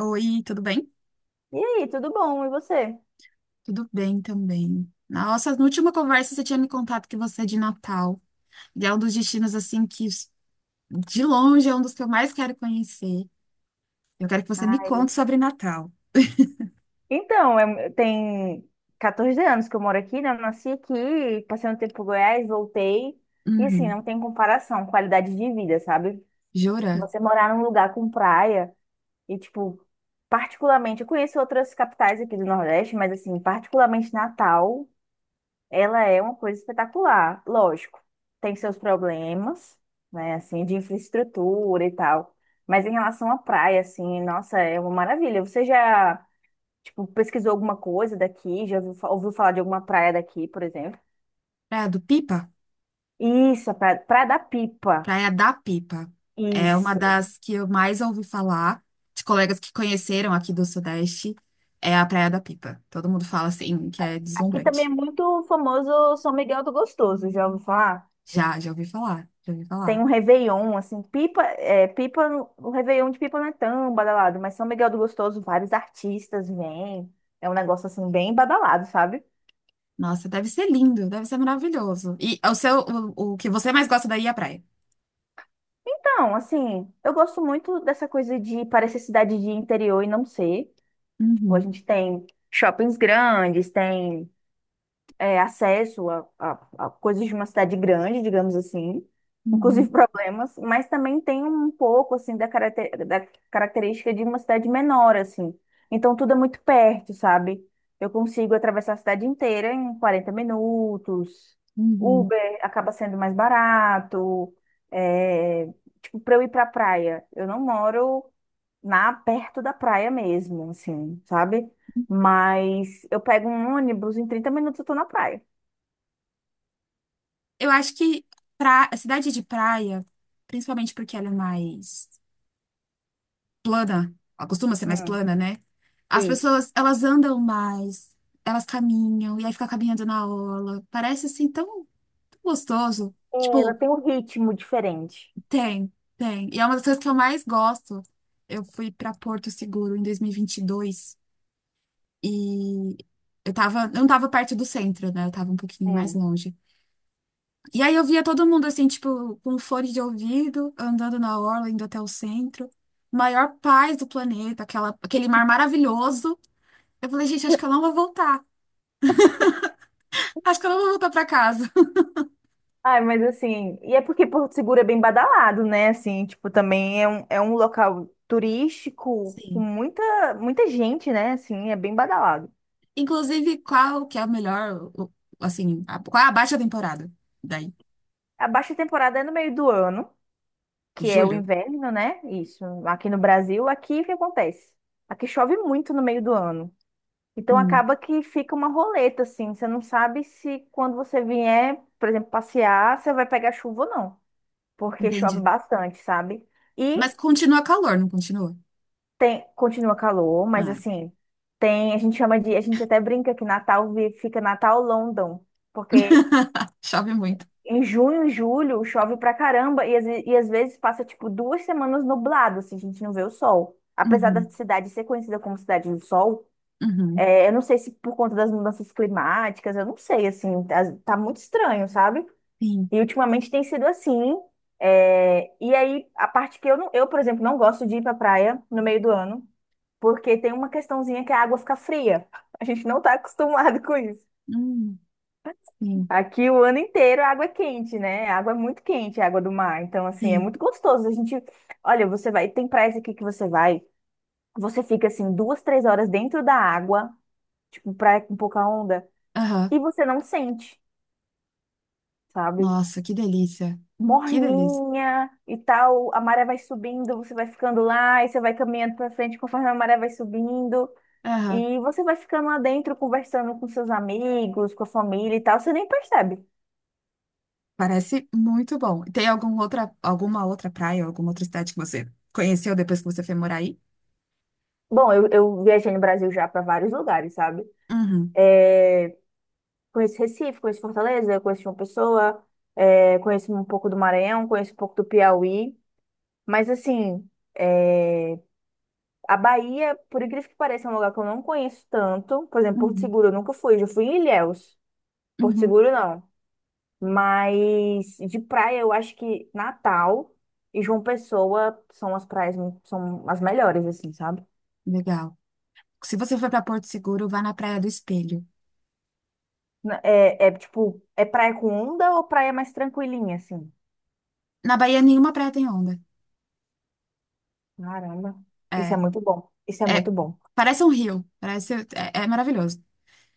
Oi, tudo bem? E aí, tudo bom? E você? Tudo bem também. Nossa, na última conversa você tinha me contado que você é de Natal. E é um dos destinos, assim, que de longe é um dos que eu mais quero conhecer. Eu quero que você me Ah, conte sobre Natal. então, tem 14 anos que eu moro aqui, né? Eu nasci aqui, passei um tempo em Goiás, voltei. E assim, Uhum. não tem comparação, qualidade de vida, sabe? Jura? Você morar num lugar com praia e, tipo, particularmente, eu conheço outras capitais aqui do Nordeste, mas assim, particularmente Natal, ela é uma coisa espetacular. Lógico, tem seus problemas, né? Assim, de infraestrutura e tal. Mas em relação à praia, assim, nossa, é uma maravilha. Você já Tipo, pesquisou alguma coisa daqui, já ouviu, ouviu falar de alguma praia daqui, por exemplo. Praia do Pipa? Isso, a praia, Praia da Pipa. Praia da Pipa. É uma Isso. das que eu mais ouvi falar de colegas que conheceram aqui do Sudeste. É a Praia da Pipa. Todo mundo fala assim que é Aqui também é deslumbrante. muito famoso São Miguel do Gostoso, já ouviu falar? Já, já ouvi falar. Já ouvi Tem falar. um Réveillon, assim, Pipa, o Réveillon de Pipa não é tão badalado, mas São Miguel do Gostoso, vários artistas vêm. É um negócio, assim, bem badalado, sabe? Nossa, deve ser lindo, deve ser maravilhoso. E o que você mais gosta daí é a praia. Então, assim, eu gosto muito dessa coisa de parecer cidade de interior e não ser. Tipo, a Uhum, gente tem shoppings grandes, tem acesso a, a coisas de uma cidade grande, digamos assim, inclusive uhum, problemas, mas também tem um pouco assim da, da característica de uma cidade menor, assim. Então tudo é muito perto, sabe? Eu consigo atravessar a cidade inteira em 40 minutos. uhum. Uber acaba sendo mais barato. É, tipo, para eu ir para praia, eu não moro na perto da praia mesmo, assim, sabe? Mas eu pego um ônibus, em 30 minutos eu tô na praia. Eu acho que a cidade de praia, principalmente porque ela é mais plana, ela costuma ser mais Hum, plana, né? As isso. pessoas, elas andam mais, elas caminham, e aí fica caminhando na orla. Parece assim tão, tão gostoso. É, ela Tipo, tem um ritmo diferente. tem, tem. E é uma das coisas que eu mais gosto. Eu fui pra Porto Seguro em 2022. E eu não tava perto do centro, né? Eu tava um pouquinho mais Hum. longe. E aí eu via todo mundo assim, tipo, com fone de ouvido, andando na orla, indo até o centro. Maior paz do planeta, aquela, aquele mar maravilhoso. Eu falei, gente, acho que eu não vou voltar. Acho que eu não vou voltar pra casa. Ai, mas assim, e é porque Porto Seguro é bem badalado, né? Assim, tipo, também é um local turístico com Sim. muita, muita gente, né? Assim, é bem badalado. Inclusive, qual que é o melhor, o- assim, a- qual é a baixa temporada? Daí, A baixa temporada é no meio do ano, que é o julho? inverno, né? Isso. Aqui no Brasil, aqui o que acontece? Aqui chove muito no meio do ano. Então Hum, acaba que fica uma roleta, assim. Você não sabe se quando você vier, por exemplo, passear, você vai pegar chuva ou não. Porque chove entendi. bastante, sabe? E Mas continua calor, não continua? Continua calor, mas Ah. assim, tem, a gente chama de, a gente até brinca que Natal fica Natal London. Porque Chove muito. em junho e julho chove pra caramba e, às vezes passa tipo 2 semanas nublado, assim, a gente não vê o sol. Apesar da Uhum, cidade ser conhecida como Cidade do Sol, uhum. É, Eu não sei se por conta das mudanças climáticas, eu não sei, assim, tá muito estranho, sabe? Sim, E ultimamente tem sido assim. E aí, a parte que eu, por exemplo, não gosto de ir pra praia no meio do ano, porque tem uma questãozinha que a água fica fria. A gente não tá acostumado com isso. hum, sim, Aqui o ano inteiro a água é quente, né? A água é muito quente, a água do mar. Então, assim, é sim. muito gostoso. A gente, olha, você vai, tem praias aqui que você vai, você fica assim duas, três horas dentro da água, tipo praia com pouca onda. Aham. E você não sente, sabe? Nossa, que delícia. Que delícia. Morninha e tal, a maré vai subindo, você vai ficando lá e você vai caminhando pra frente conforme a maré vai subindo. Aham. E você vai ficando lá dentro conversando com seus amigos, com a família e tal, você nem percebe. Parece muito bom. Tem alguma outra praia, alguma outra cidade que você conheceu depois que você foi morar aí? Bom, eu viajei no Brasil já pra vários lugares, sabe? Uhum, Conheço Recife, conheço Fortaleza, conheço João Pessoa, conheço um pouco do Maranhão, conheço um pouco do Piauí. Mas assim, é a Bahia, por incrível que pareça, é um lugar que eu não conheço tanto. Por exemplo, Porto uhum, Seguro eu nunca fui, já fui em Ilhéus. Porto uhum. Seguro não. Mas de praia eu acho que Natal e João Pessoa são as melhores, assim, sabe? Legal. Se você for para Porto Seguro, vá na Praia do Espelho. É, é tipo, é praia com onda ou praia mais tranquilinha, assim? Na Bahia, nenhuma praia tem onda. Caramba, isso é É, muito bom. Isso é é, muito bom. parece um rio. Parece, é maravilhoso.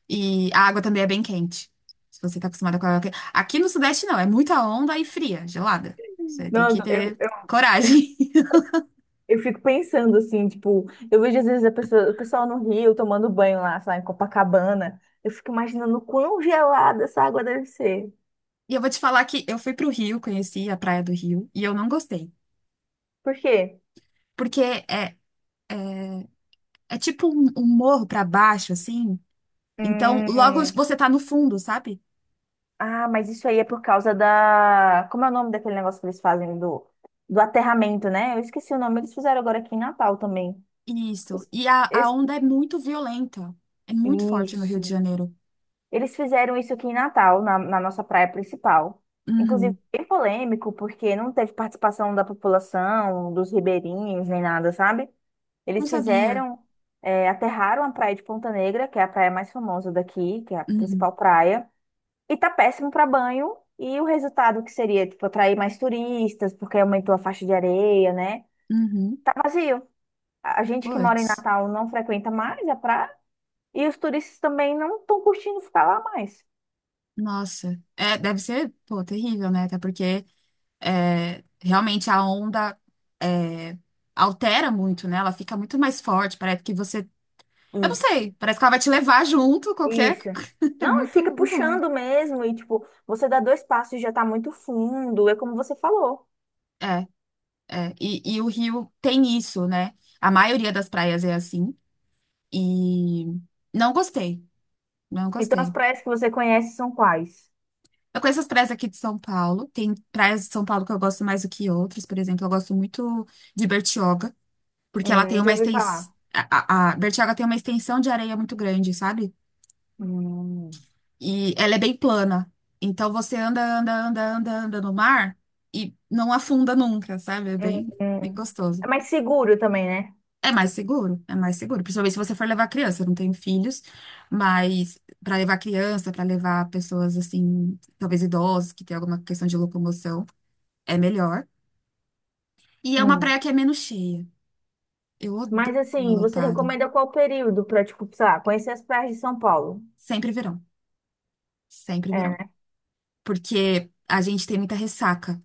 E a água também é bem quente. Se você tá acostumada com a água quente. Aqui no Sudeste não, é muita onda e fria, gelada. Você tem Não, que ter coragem. eu fico pensando assim, tipo, eu vejo às vezes o pessoal no Rio tomando banho lá, sei lá, em Copacabana. Eu fico imaginando quão gelada essa água deve ser. E eu vou te falar que eu fui pro Rio, conheci a Praia do Rio, e eu não gostei. Por quê? Porque é, é tipo um morro pra baixo, assim. Então, logo Hum, você tá no fundo, sabe? Mas isso aí é por causa da. Como é o nome daquele negócio que eles fazem do aterramento, né? Eu esqueci o nome, eles fizeram agora aqui em Natal também. Eu Isso. es- E a, eu a es- onda é muito violenta. É muito forte no Rio de Isso. Janeiro. Eles fizeram isso aqui em Natal, na nossa praia principal. Inclusive, Uhum. bem polêmico, porque não teve participação da população, dos ribeirinhos, nem nada, sabe? Não Eles sabia. fizeram, aterraram a praia de Ponta Negra, que é a praia mais famosa daqui, que é a Uhum. principal praia, e tá péssimo para banho. E o resultado que seria, tipo, atrair mais turistas, porque aumentou a faixa de areia, né? Uhum. Tá vazio. A gente que mora em Puts. Natal não frequenta mais a praia, e os turistas também não estão curtindo ficar lá mais. Nossa, é, deve ser, pô, terrível, né? Até porque é, realmente a onda é, altera muito, né? Ela fica muito mais forte, parece que você, eu não Isso. sei, parece que ela vai te levar junto, qualquer, Isso. é Não, fica muito, muito ruim. puxando mesmo e tipo, você dá dois passos e já tá muito fundo, é como você falou. É, é, e o Rio tem isso, né? A maioria das praias é assim, e não gostei, não Então as gostei. praias que você conhece são quais? Eu conheço as praias aqui de São Paulo, tem praias de São Paulo que eu gosto mais do que outras, por exemplo, eu gosto muito de Bertioga, porque ela tem uma Já ouvi extensão. falar. A Bertioga tem uma extensão de areia muito grande, sabe? Hum, E ela é bem plana. Então você anda, anda, anda, anda, anda no mar e não afunda nunca, sabe? É hum. bem, bem Hum. gostoso. É mais seguro também, né? É mais seguro, é mais seguro. Principalmente se você for levar criança. Eu não tenho filhos, mas para levar criança, para levar pessoas assim, talvez idosas, que tem alguma questão de locomoção, é melhor. E é uma Hum. praia que é menos cheia. Eu odeio Mas praia assim, você lotada. recomenda qual período pra, tipo, sei lá, conhecer as praias de São Paulo? Sempre verão, sempre É, verão, né? porque a gente tem muita ressaca.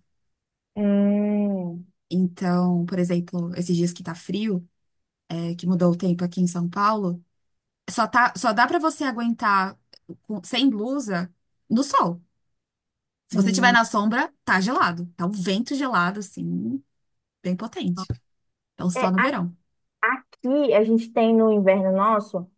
Hum, Então, por exemplo, esses dias que tá frio, é, que mudou o tempo aqui em São Paulo, só dá pra você aguentar sem blusa no sol. Se você tiver hum. na sombra, tá gelado. Tá um vento gelado, assim, bem potente. Então, só É, no verão. aqui a gente tem no inverno nosso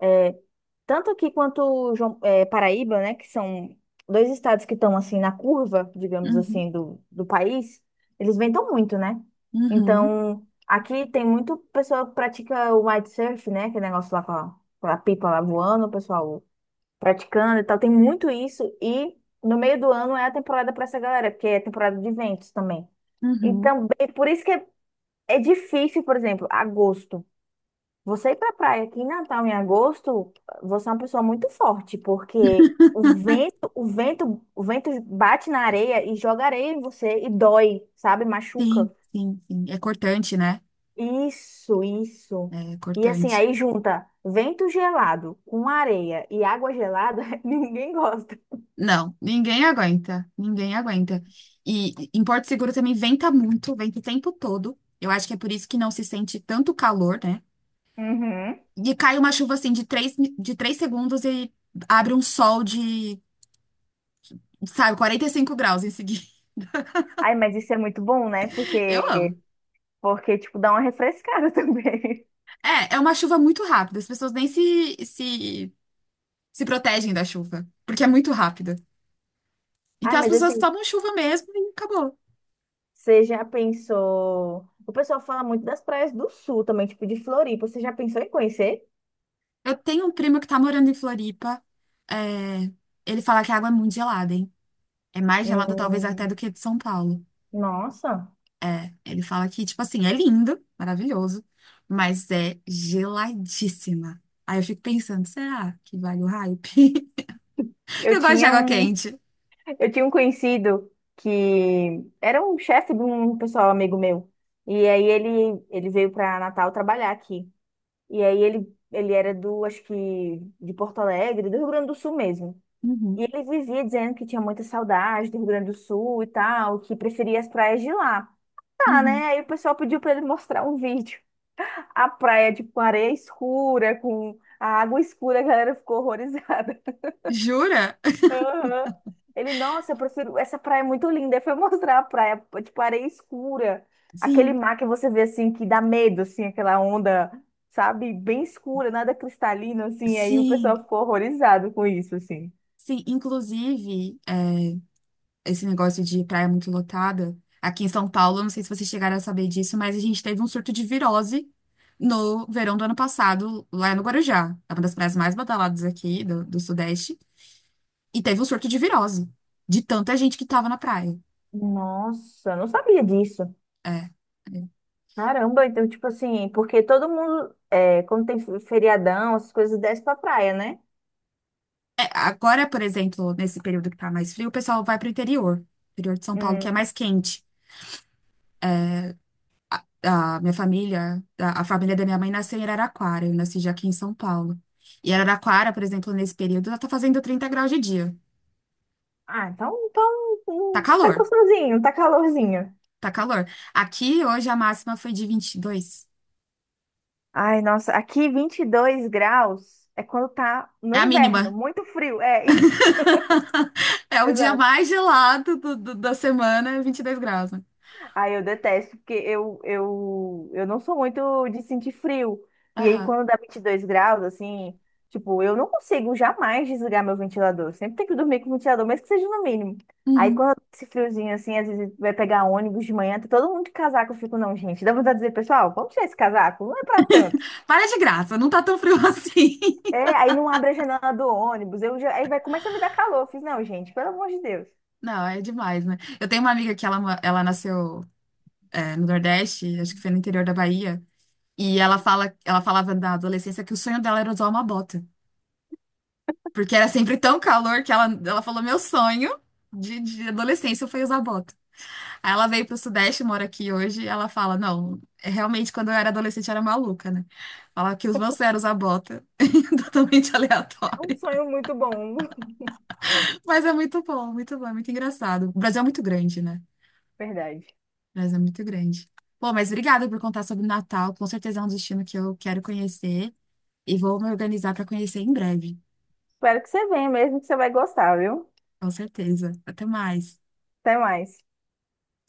é, Tanto aqui quanto Paraíba, né, que são dois estados que estão assim na curva, digamos Uhum, assim, do país, eles vendam muito, né? uhum, Então, aqui tem muito pessoa que pratica o windsurf, né, aquele negócio lá com a pipa lá voando, o pessoal praticando e tal, tem muito isso e no meio do ano é a temporada para essa galera, porque é temporada de eventos também. uhum. Então, por isso que é difícil, por exemplo, agosto. Você ir pra praia aqui em Natal em agosto, você é uma pessoa muito forte, porque o vento bate na areia e joga areia em você e dói, sabe? Machuca. Sim, sim, sim. É cortante, né? Isso, isso. É E assim, cortante. aí junta vento gelado com areia e água gelada, ninguém gosta. Não, ninguém aguenta, ninguém aguenta. E em Porto Seguro também venta muito, venta o tempo todo. Eu acho que é por isso que não se sente tanto calor, né? Uhum. E cai uma chuva assim de de três segundos e abre um sol de, sabe, 45 graus em seguida. Ai, mas isso é muito bom, né? Eu amo. Porque, tipo, dá uma refrescada também. É uma chuva muito rápida, as pessoas nem se protegem da chuva, porque é muito rápida. Então Ai, as mas pessoas assim, tomam chuva mesmo e acabou. você já pensou? O pessoal fala muito das praias do sul também, tipo de Floripa. Você já pensou em conhecer? Eu tenho um primo que tá morando em Floripa, é, ele fala que a água é muito gelada. É mais gelada, talvez, até do Hum, que de São Paulo. nossa, É, ele fala que, tipo assim, é lindo, maravilhoso, mas é geladíssima. Aí eu fico pensando, será que vale o hype? eu Eu gosto de tinha água um, quente. eu tinha um conhecido que era um chefe de um pessoal amigo meu. E aí ele veio para Natal trabalhar aqui. E aí ele era do, acho que de Porto Alegre, do Rio Grande do Sul mesmo. Uhum, E ele vivia dizendo que tinha muita saudade do Rio Grande do Sul e tal, que preferia as praias de lá. Tá, né? uhum. Aí o pessoal pediu para ele mostrar um vídeo. A praia, tipo, com areia escura, com a água escura, a galera ficou horrorizada. Jura? Aham. Ele, nossa, eu prefiro, essa praia é muito linda. Aí foi mostrar a praia, tipo, areia escura, aquele Sim, mar que você vê, assim, que dá medo, assim, aquela onda, sabe, bem escura, nada cristalino, assim. Aí o pessoal sim, ficou horrorizado com isso, assim. sim. Inclusive, é esse negócio de praia muito lotada. Aqui em São Paulo, eu não sei se vocês chegaram a saber disso, mas a gente teve um surto de virose no verão do ano passado, lá no Guarujá. É uma das praias mais badaladas aqui do Sudeste. E teve um surto de virose, de tanta gente que tava na praia. Nossa, não sabia disso. É. É, Caramba, então, tipo assim, porque todo mundo, quando tem feriadão, essas coisas desce pra praia, né? é, agora, por exemplo, nesse período que tá mais frio, o pessoal vai pro interior, interior de São Paulo, que é mais quente. A família da minha mãe nasceu em Araraquara, eu nasci já aqui em São Paulo. E Araraquara, por exemplo, nesse período, ela tá fazendo 30 graus de dia. Ah, então, Tá tá calor, gostosinho, tá calorzinho. tá calor. Aqui hoje a máxima foi de 22. Ai, nossa, aqui 22 graus é quando tá no É a mínima. inverno, muito frio, é isso. É o dia Exato. mais gelado da semana, é 22 graus, né? Ai, eu detesto, porque eu não sou muito de sentir frio. E aí, Aham. quando dá 22 graus, assim, tipo, eu não consigo jamais desligar meu ventilador. Eu sempre tenho que dormir com o ventilador, mesmo que seja no mínimo. Aí, Uhum. quando dá esse friozinho, assim, às vezes vai pegar ônibus de manhã, tá todo mundo de casaco, eu fico, não, gente, dá vontade de dizer, pessoal, vamos tirar esse casaco, não é pra tanto. Para de graça, não tá tão frio assim. É, aí não abre a janela do ônibus. Eu já, aí vai, começa a me dar calor. Eu fiz, não, gente, pelo amor de Deus. Não, é demais, né? Eu tenho uma amiga que ela, nasceu, é, no Nordeste, acho que foi no interior da Bahia. E ela falava na adolescência que o sonho dela era usar uma bota. Porque era sempre tão calor que ela falou: meu sonho de adolescência foi usar bota. Aí ela veio pro Sudeste, mora aqui hoje, e ela fala: não, é realmente quando eu era adolescente eu era maluca, né? Fala que os meus sonhos eram usar bota. Totalmente É um aleatório. sonho muito bom. Mas é muito bom, é muito engraçado. O Brasil é muito grande, né? Verdade. O Brasil é muito grande. Pô, mas obrigada por contar sobre o Natal. Com certeza é um destino que eu quero conhecer. E vou me organizar para conhecer em breve. Espero que você venha mesmo, que você vai gostar, viu? Com certeza. Até mais. Até mais.